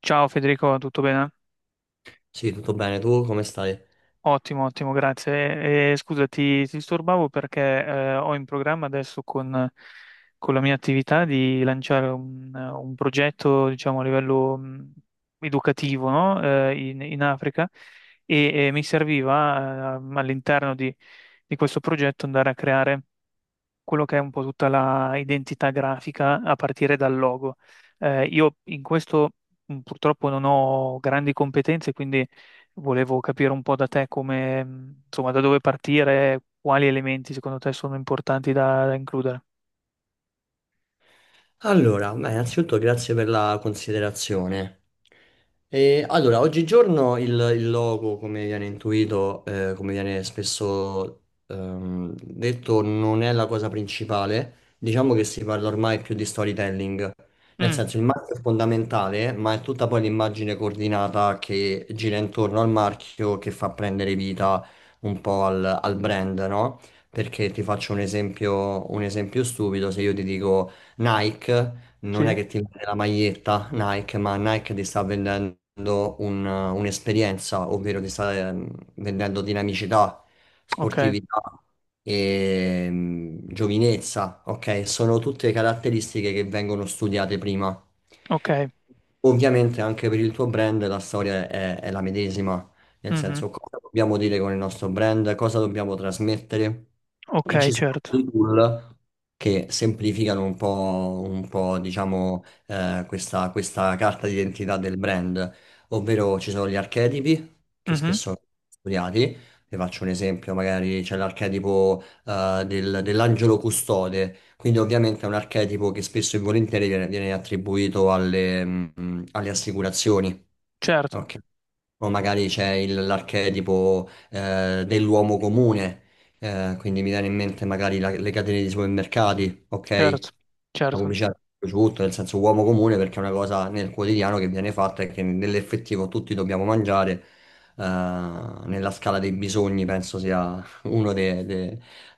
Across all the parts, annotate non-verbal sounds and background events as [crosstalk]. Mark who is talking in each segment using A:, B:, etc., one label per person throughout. A: Ciao Federico, tutto bene?
B: Sì, tutto bene, tu come stai?
A: Ottimo, ottimo, grazie. E, scusa, ti disturbavo perché ho in programma adesso con la mia attività di lanciare un progetto, diciamo, a livello educativo, no? In Africa e mi serviva all'interno di questo progetto andare a creare quello che è un po' tutta la identità grafica a partire dal logo. Io in questo purtroppo non ho grandi competenze, quindi volevo capire un po' da te come, insomma, da dove partire, quali elementi secondo te sono importanti da includere.
B: Allora, beh, innanzitutto grazie per la considerazione. Allora, oggigiorno il logo, come viene intuito, come viene spesso detto, non è la cosa principale. Diciamo che si parla ormai più di storytelling. Nel
A: Mm,
B: senso, il marchio è fondamentale, ma è tutta poi l'immagine coordinata che gira intorno al marchio che fa prendere vita un po' al brand, no? Perché ti faccio un esempio stupido, se io ti dico... Nike non è
A: sì,
B: che ti vende la maglietta Nike, ma Nike ti sta vendendo un'esperienza, ovvero ti sta vendendo dinamicità,
A: ok,
B: sportività e giovinezza, ok? Sono tutte caratteristiche che vengono studiate prima.
A: ok,
B: Ovviamente anche per il tuo brand la storia è la medesima. Nel
A: mhm,
B: senso, cosa dobbiamo dire con il nostro brand, cosa dobbiamo trasmettere. E
A: ok,
B: ci sono
A: certo,
B: dei tool che semplificano un po', diciamo, questa carta d'identità del brand, ovvero ci sono gli archetipi che
A: mhm,
B: spesso sono studiati. Vi faccio un esempio, magari c'è l'archetipo dell'angelo custode, quindi ovviamente è un archetipo che spesso e volentieri viene attribuito alle, alle assicurazioni.
A: certo,
B: Ok. O magari c'è l'archetipo dell'uomo comune, quindi mi viene in mente magari le catene di supermercati, ok?
A: certo,
B: La
A: certo,
B: pubblicità su tutto, nel senso uomo comune perché è una cosa nel quotidiano che viene fatta e che nell'effettivo tutti dobbiamo mangiare, eh, nella scala dei bisogni penso sia uno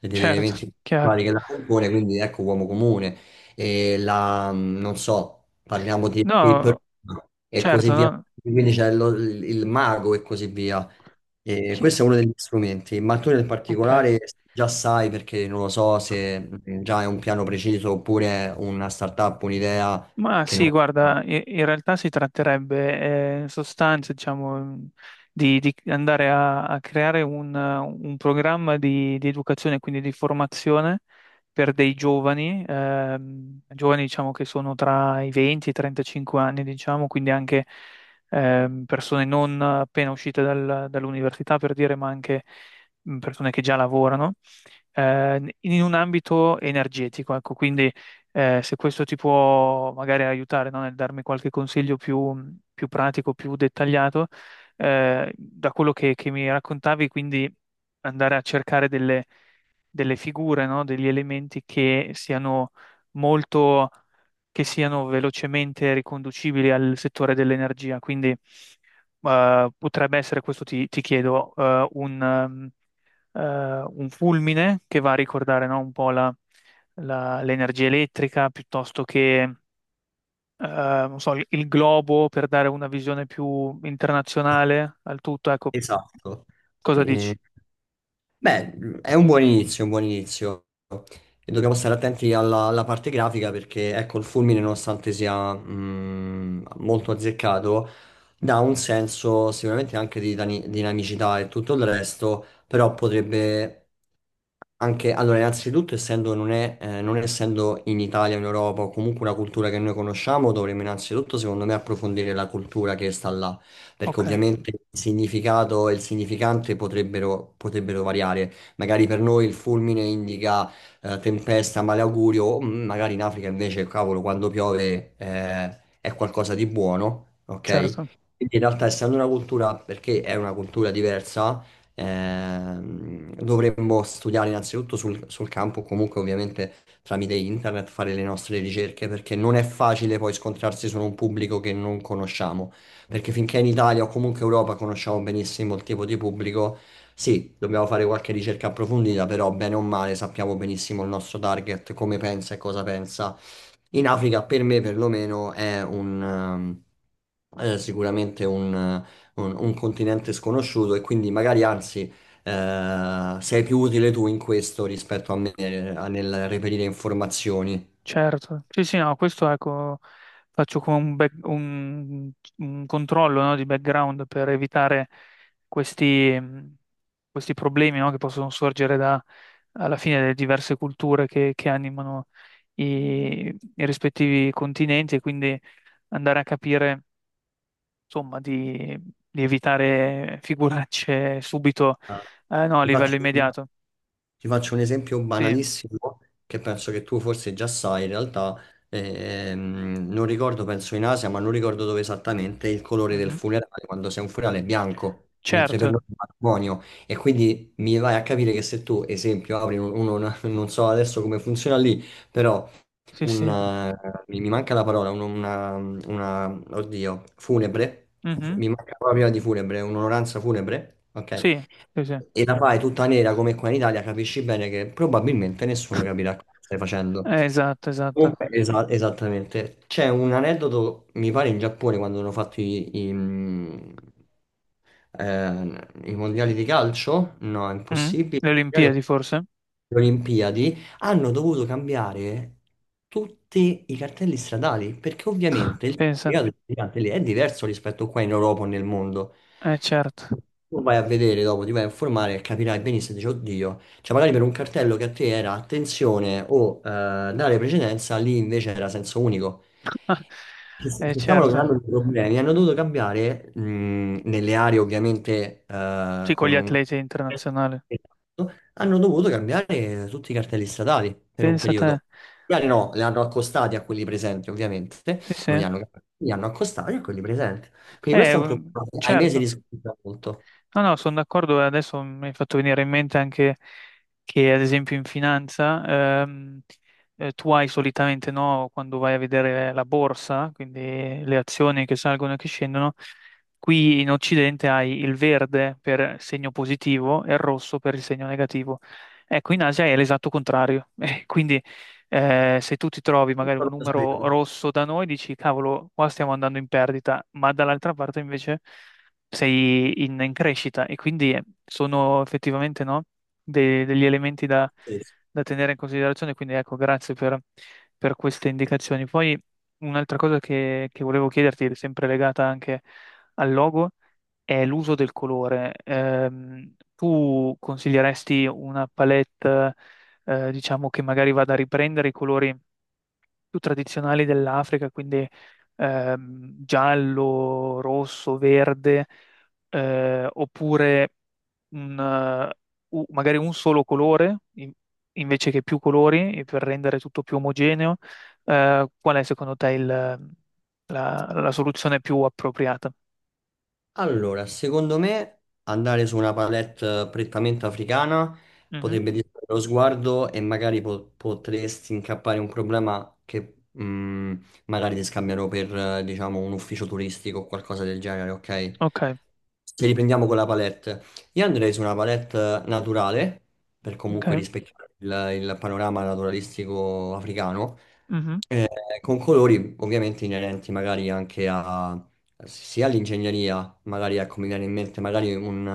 B: e degli
A: certo,
B: elementi
A: chiaro.
B: vari che la compone, quindi ecco uomo comune, e non so, parliamo di escape
A: No,
B: room e così
A: certo,
B: via,
A: no,
B: quindi c'è il mago e così via. E
A: chi-
B: questo è uno degli strumenti, ma tu nel
A: ok.
B: particolare già sai perché non lo so se già è un piano preciso oppure è una startup, un'idea
A: Ma
B: che
A: sì,
B: non...
A: guarda, in realtà si tratterebbe in sostanza, diciamo, di andare a creare un programma di educazione, quindi di formazione per dei giovani, giovani diciamo che sono tra i 20 e i 35 anni, diciamo, quindi anche persone non appena uscite dall'università, per dire, ma anche persone che già lavorano, in un ambito energetico, ecco, quindi se questo ti può magari aiutare, no, nel darmi qualche consiglio più pratico, più dettagliato, da quello che mi raccontavi, quindi andare a cercare delle figure, no, degli elementi che siano molto, che siano velocemente riconducibili al settore dell'energia. Quindi, potrebbe essere, questo ti chiedo, eh, un fulmine che va a ricordare, no, un po' l'energia elettrica piuttosto che, non so, il globo per dare una visione più internazionale al tutto. Ecco,
B: Esatto.
A: cosa dici?
B: Beh, è un buon inizio, un buon inizio. E dobbiamo stare attenti alla parte grafica perché, ecco, il fulmine, nonostante sia molto azzeccato, dà un senso sicuramente anche di dinamicità e tutto il resto, però potrebbe anche... Allora, innanzitutto, essendo non è, non essendo in Italia, in Europa, o comunque una cultura che noi conosciamo, dovremmo innanzitutto, secondo me, approfondire la cultura che sta là perché
A: Ok,
B: ovviamente il significato e il significante potrebbero variare. Magari per noi il fulmine indica tempesta, malaugurio, o magari in Africa invece, cavolo, quando piove è qualcosa di buono,
A: certo.
B: ok? Quindi in realtà essendo una cultura, perché è una cultura diversa, dovremmo studiare innanzitutto sul campo, comunque ovviamente tramite internet, fare le nostre ricerche, perché non è facile poi scontrarsi su un pubblico che non conosciamo. Perché finché in Italia o comunque Europa conosciamo benissimo il tipo di pubblico, sì, dobbiamo fare qualche ricerca approfondita, però bene o male sappiamo benissimo il nostro target, come pensa e cosa pensa. In Africa, per me perlomeno, sicuramente un continente sconosciuto e quindi magari anzi sei più utile tu in questo rispetto a me nel reperire informazioni.
A: Certo, sì, sì, no, questo ecco, faccio come un controllo, no, di background per evitare questi, questi problemi, no, che possono sorgere da, alla fine delle diverse culture che animano i rispettivi continenti e quindi andare a capire, insomma, di evitare figuracce subito,
B: Ah.
A: no, a
B: Ti
A: livello
B: faccio... un
A: immediato.
B: Ti faccio un esempio
A: Sì,
B: banalissimo che penso che tu forse già sai, in realtà non ricordo, penso in Asia, ma non ricordo dove esattamente il colore del
A: mhm.
B: funerale, quando sei un funerale è bianco, mentre per noi
A: Certo,
B: è matrimonio. E quindi mi vai a capire che se tu, esempio, apri [laughs] non so adesso come funziona lì, però
A: sì,
B: un,
A: sì.
B: mi mi manca la parola, oddio, funebre, fu-
A: Mhm.
B: mi manca proprio di funebre, un'onoranza funebre, ok?
A: Sì, sì, sì.
B: E la fai tutta nera come qua in Italia, capisci bene che probabilmente nessuno capirà cosa stai facendo.
A: Esatto, esatto.
B: Comunque, esattamente. C'è un aneddoto, mi pare, in Giappone quando hanno fatto i mondiali di calcio. No, è
A: Mm?
B: impossibile.
A: Le
B: I mondiali o
A: Olimpiadi forse?
B: le Olimpiadi hanno dovuto cambiare tutti i cartelli stradali perché
A: [laughs]
B: ovviamente il
A: Pensa.
B: significato del gigante lì è diverso rispetto qua in Europa o nel mondo.
A: Eh certo.
B: Tu vai a vedere dopo, ti vai a informare e capirai benissimo, dici, oddio. Cioè, magari per un cartello che a te era attenzione o dare precedenza, lì invece era senso unico.
A: [laughs] Eh
B: Si stavano creando
A: certo.
B: dei problemi, hanno dovuto cambiare nelle aree ovviamente
A: Sì, con
B: con
A: gli
B: un...
A: atleti internazionali.
B: Esatto, hanno dovuto cambiare tutti i cartelli statali per un
A: Pensa a te.
B: periodo. Gli aree no, le hanno accostati a quelli presenti ovviamente,
A: Sì,
B: non
A: sì.
B: li hanno cambiati, li hanno accostati a quelli presenti. Quindi
A: Eh,
B: questo è un
A: un-
B: problema che ai mesi
A: certo.
B: riscontra molto.
A: No, no, sono d'accordo. E adesso mi hai fatto venire in mente anche che, ad esempio, in finanza, tu hai solitamente, no, quando vai a vedere la borsa, quindi le azioni che salgono e che scendono, qui in Occidente hai il verde per segno positivo e il rosso per il segno negativo. Ecco, in Asia è l'esatto contrario. [laughs] Quindi, se tu ti trovi magari
B: Questo
A: un
B: non lo
A: numero
B: sapevo.
A: rosso da noi, dici, cavolo, qua stiamo andando in perdita, ma dall'altra parte invece sei in crescita e quindi sono effettivamente no, degli elementi da,
B: Sì, sì.
A: da tenere in considerazione. Quindi ecco, grazie per queste indicazioni. Poi un'altra cosa che volevo chiederti, sempre legata anche al logo, è l'uso del colore. Tu consiglieresti una palette, diciamo, che magari vada a riprendere i colori più tradizionali dell'Africa, quindi giallo, rosso, verde, oppure un, eh, magari un solo colore invece che più colori e per rendere tutto più omogeneo. Qual è secondo te la soluzione più appropriata?
B: Allora, secondo me andare su una palette prettamente africana
A: Mhm.
B: potrebbe distrarre lo sguardo e magari potresti incappare in un problema che magari ti scambiano per, diciamo, un ufficio turistico o qualcosa del genere, ok?
A: Ok,
B: Se riprendiamo con la palette, io andrei su una palette naturale per
A: ok,
B: comunque rispecchiare il panorama naturalistico africano,
A: mhm,
B: eh, con colori ovviamente inerenti magari anche a sia l'ingegneria, magari ecco, mi viene in mente magari un,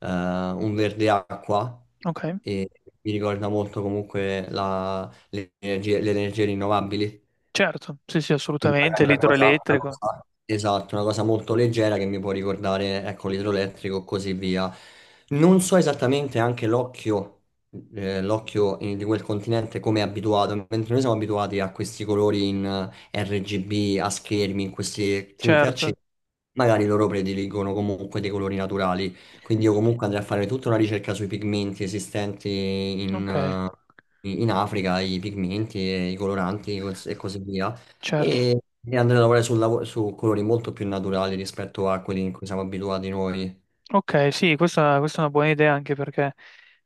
B: eh, un verde acqua
A: ok,
B: e mi ricorda molto comunque le energie rinnovabili.
A: certo, sì, sì,
B: Quindi
A: assolutamente,
B: magari
A: l'idroelettrico,
B: esatto, una cosa molto leggera che mi può ricordare, ecco, l'idroelettrico e così via. Non so esattamente anche l'occhio, l'occhio di quel continente come è abituato, mentre noi siamo abituati a questi colori in RGB, a schermi, in queste tinte
A: certo,
B: accese, magari loro prediligono comunque dei colori naturali. Quindi io comunque andrei a fare tutta una ricerca sui pigmenti esistenti
A: ok,
B: in, in Africa, i pigmenti e i coloranti e così via
A: certo.
B: e e andare a lavorare su colori molto più naturali rispetto a quelli in cui siamo abituati noi.
A: Ok, sì, questa è una buona idea anche perché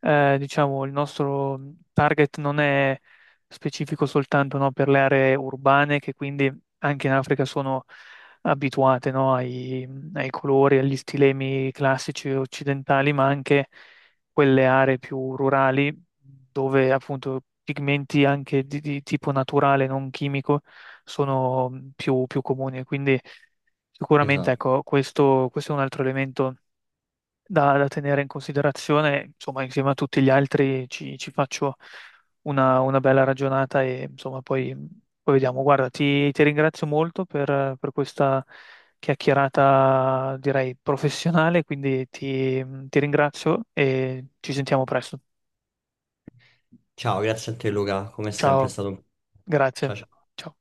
A: diciamo il nostro target non è specifico soltanto no, per le aree urbane che quindi anche in Africa sono abituate no, ai colori, agli stilemi classici occidentali, ma anche quelle aree più rurali dove appunto pigmenti anche di tipo naturale, non chimico, sono più comuni. Quindi sicuramente
B: Esatto.
A: ecco, questo questo è un altro elemento da, da tenere in considerazione, insomma, insieme a tutti gli altri ci faccio una bella ragionata e insomma poi, poi vediamo. Guarda, ti ringrazio molto per questa chiacchierata, direi, professionale, quindi ti ti ringrazio e ci sentiamo presto.
B: Ciao, grazie a te Luca, come sempre è
A: Ciao,
B: stato un...
A: grazie.
B: Ciao ciao.
A: Ciao.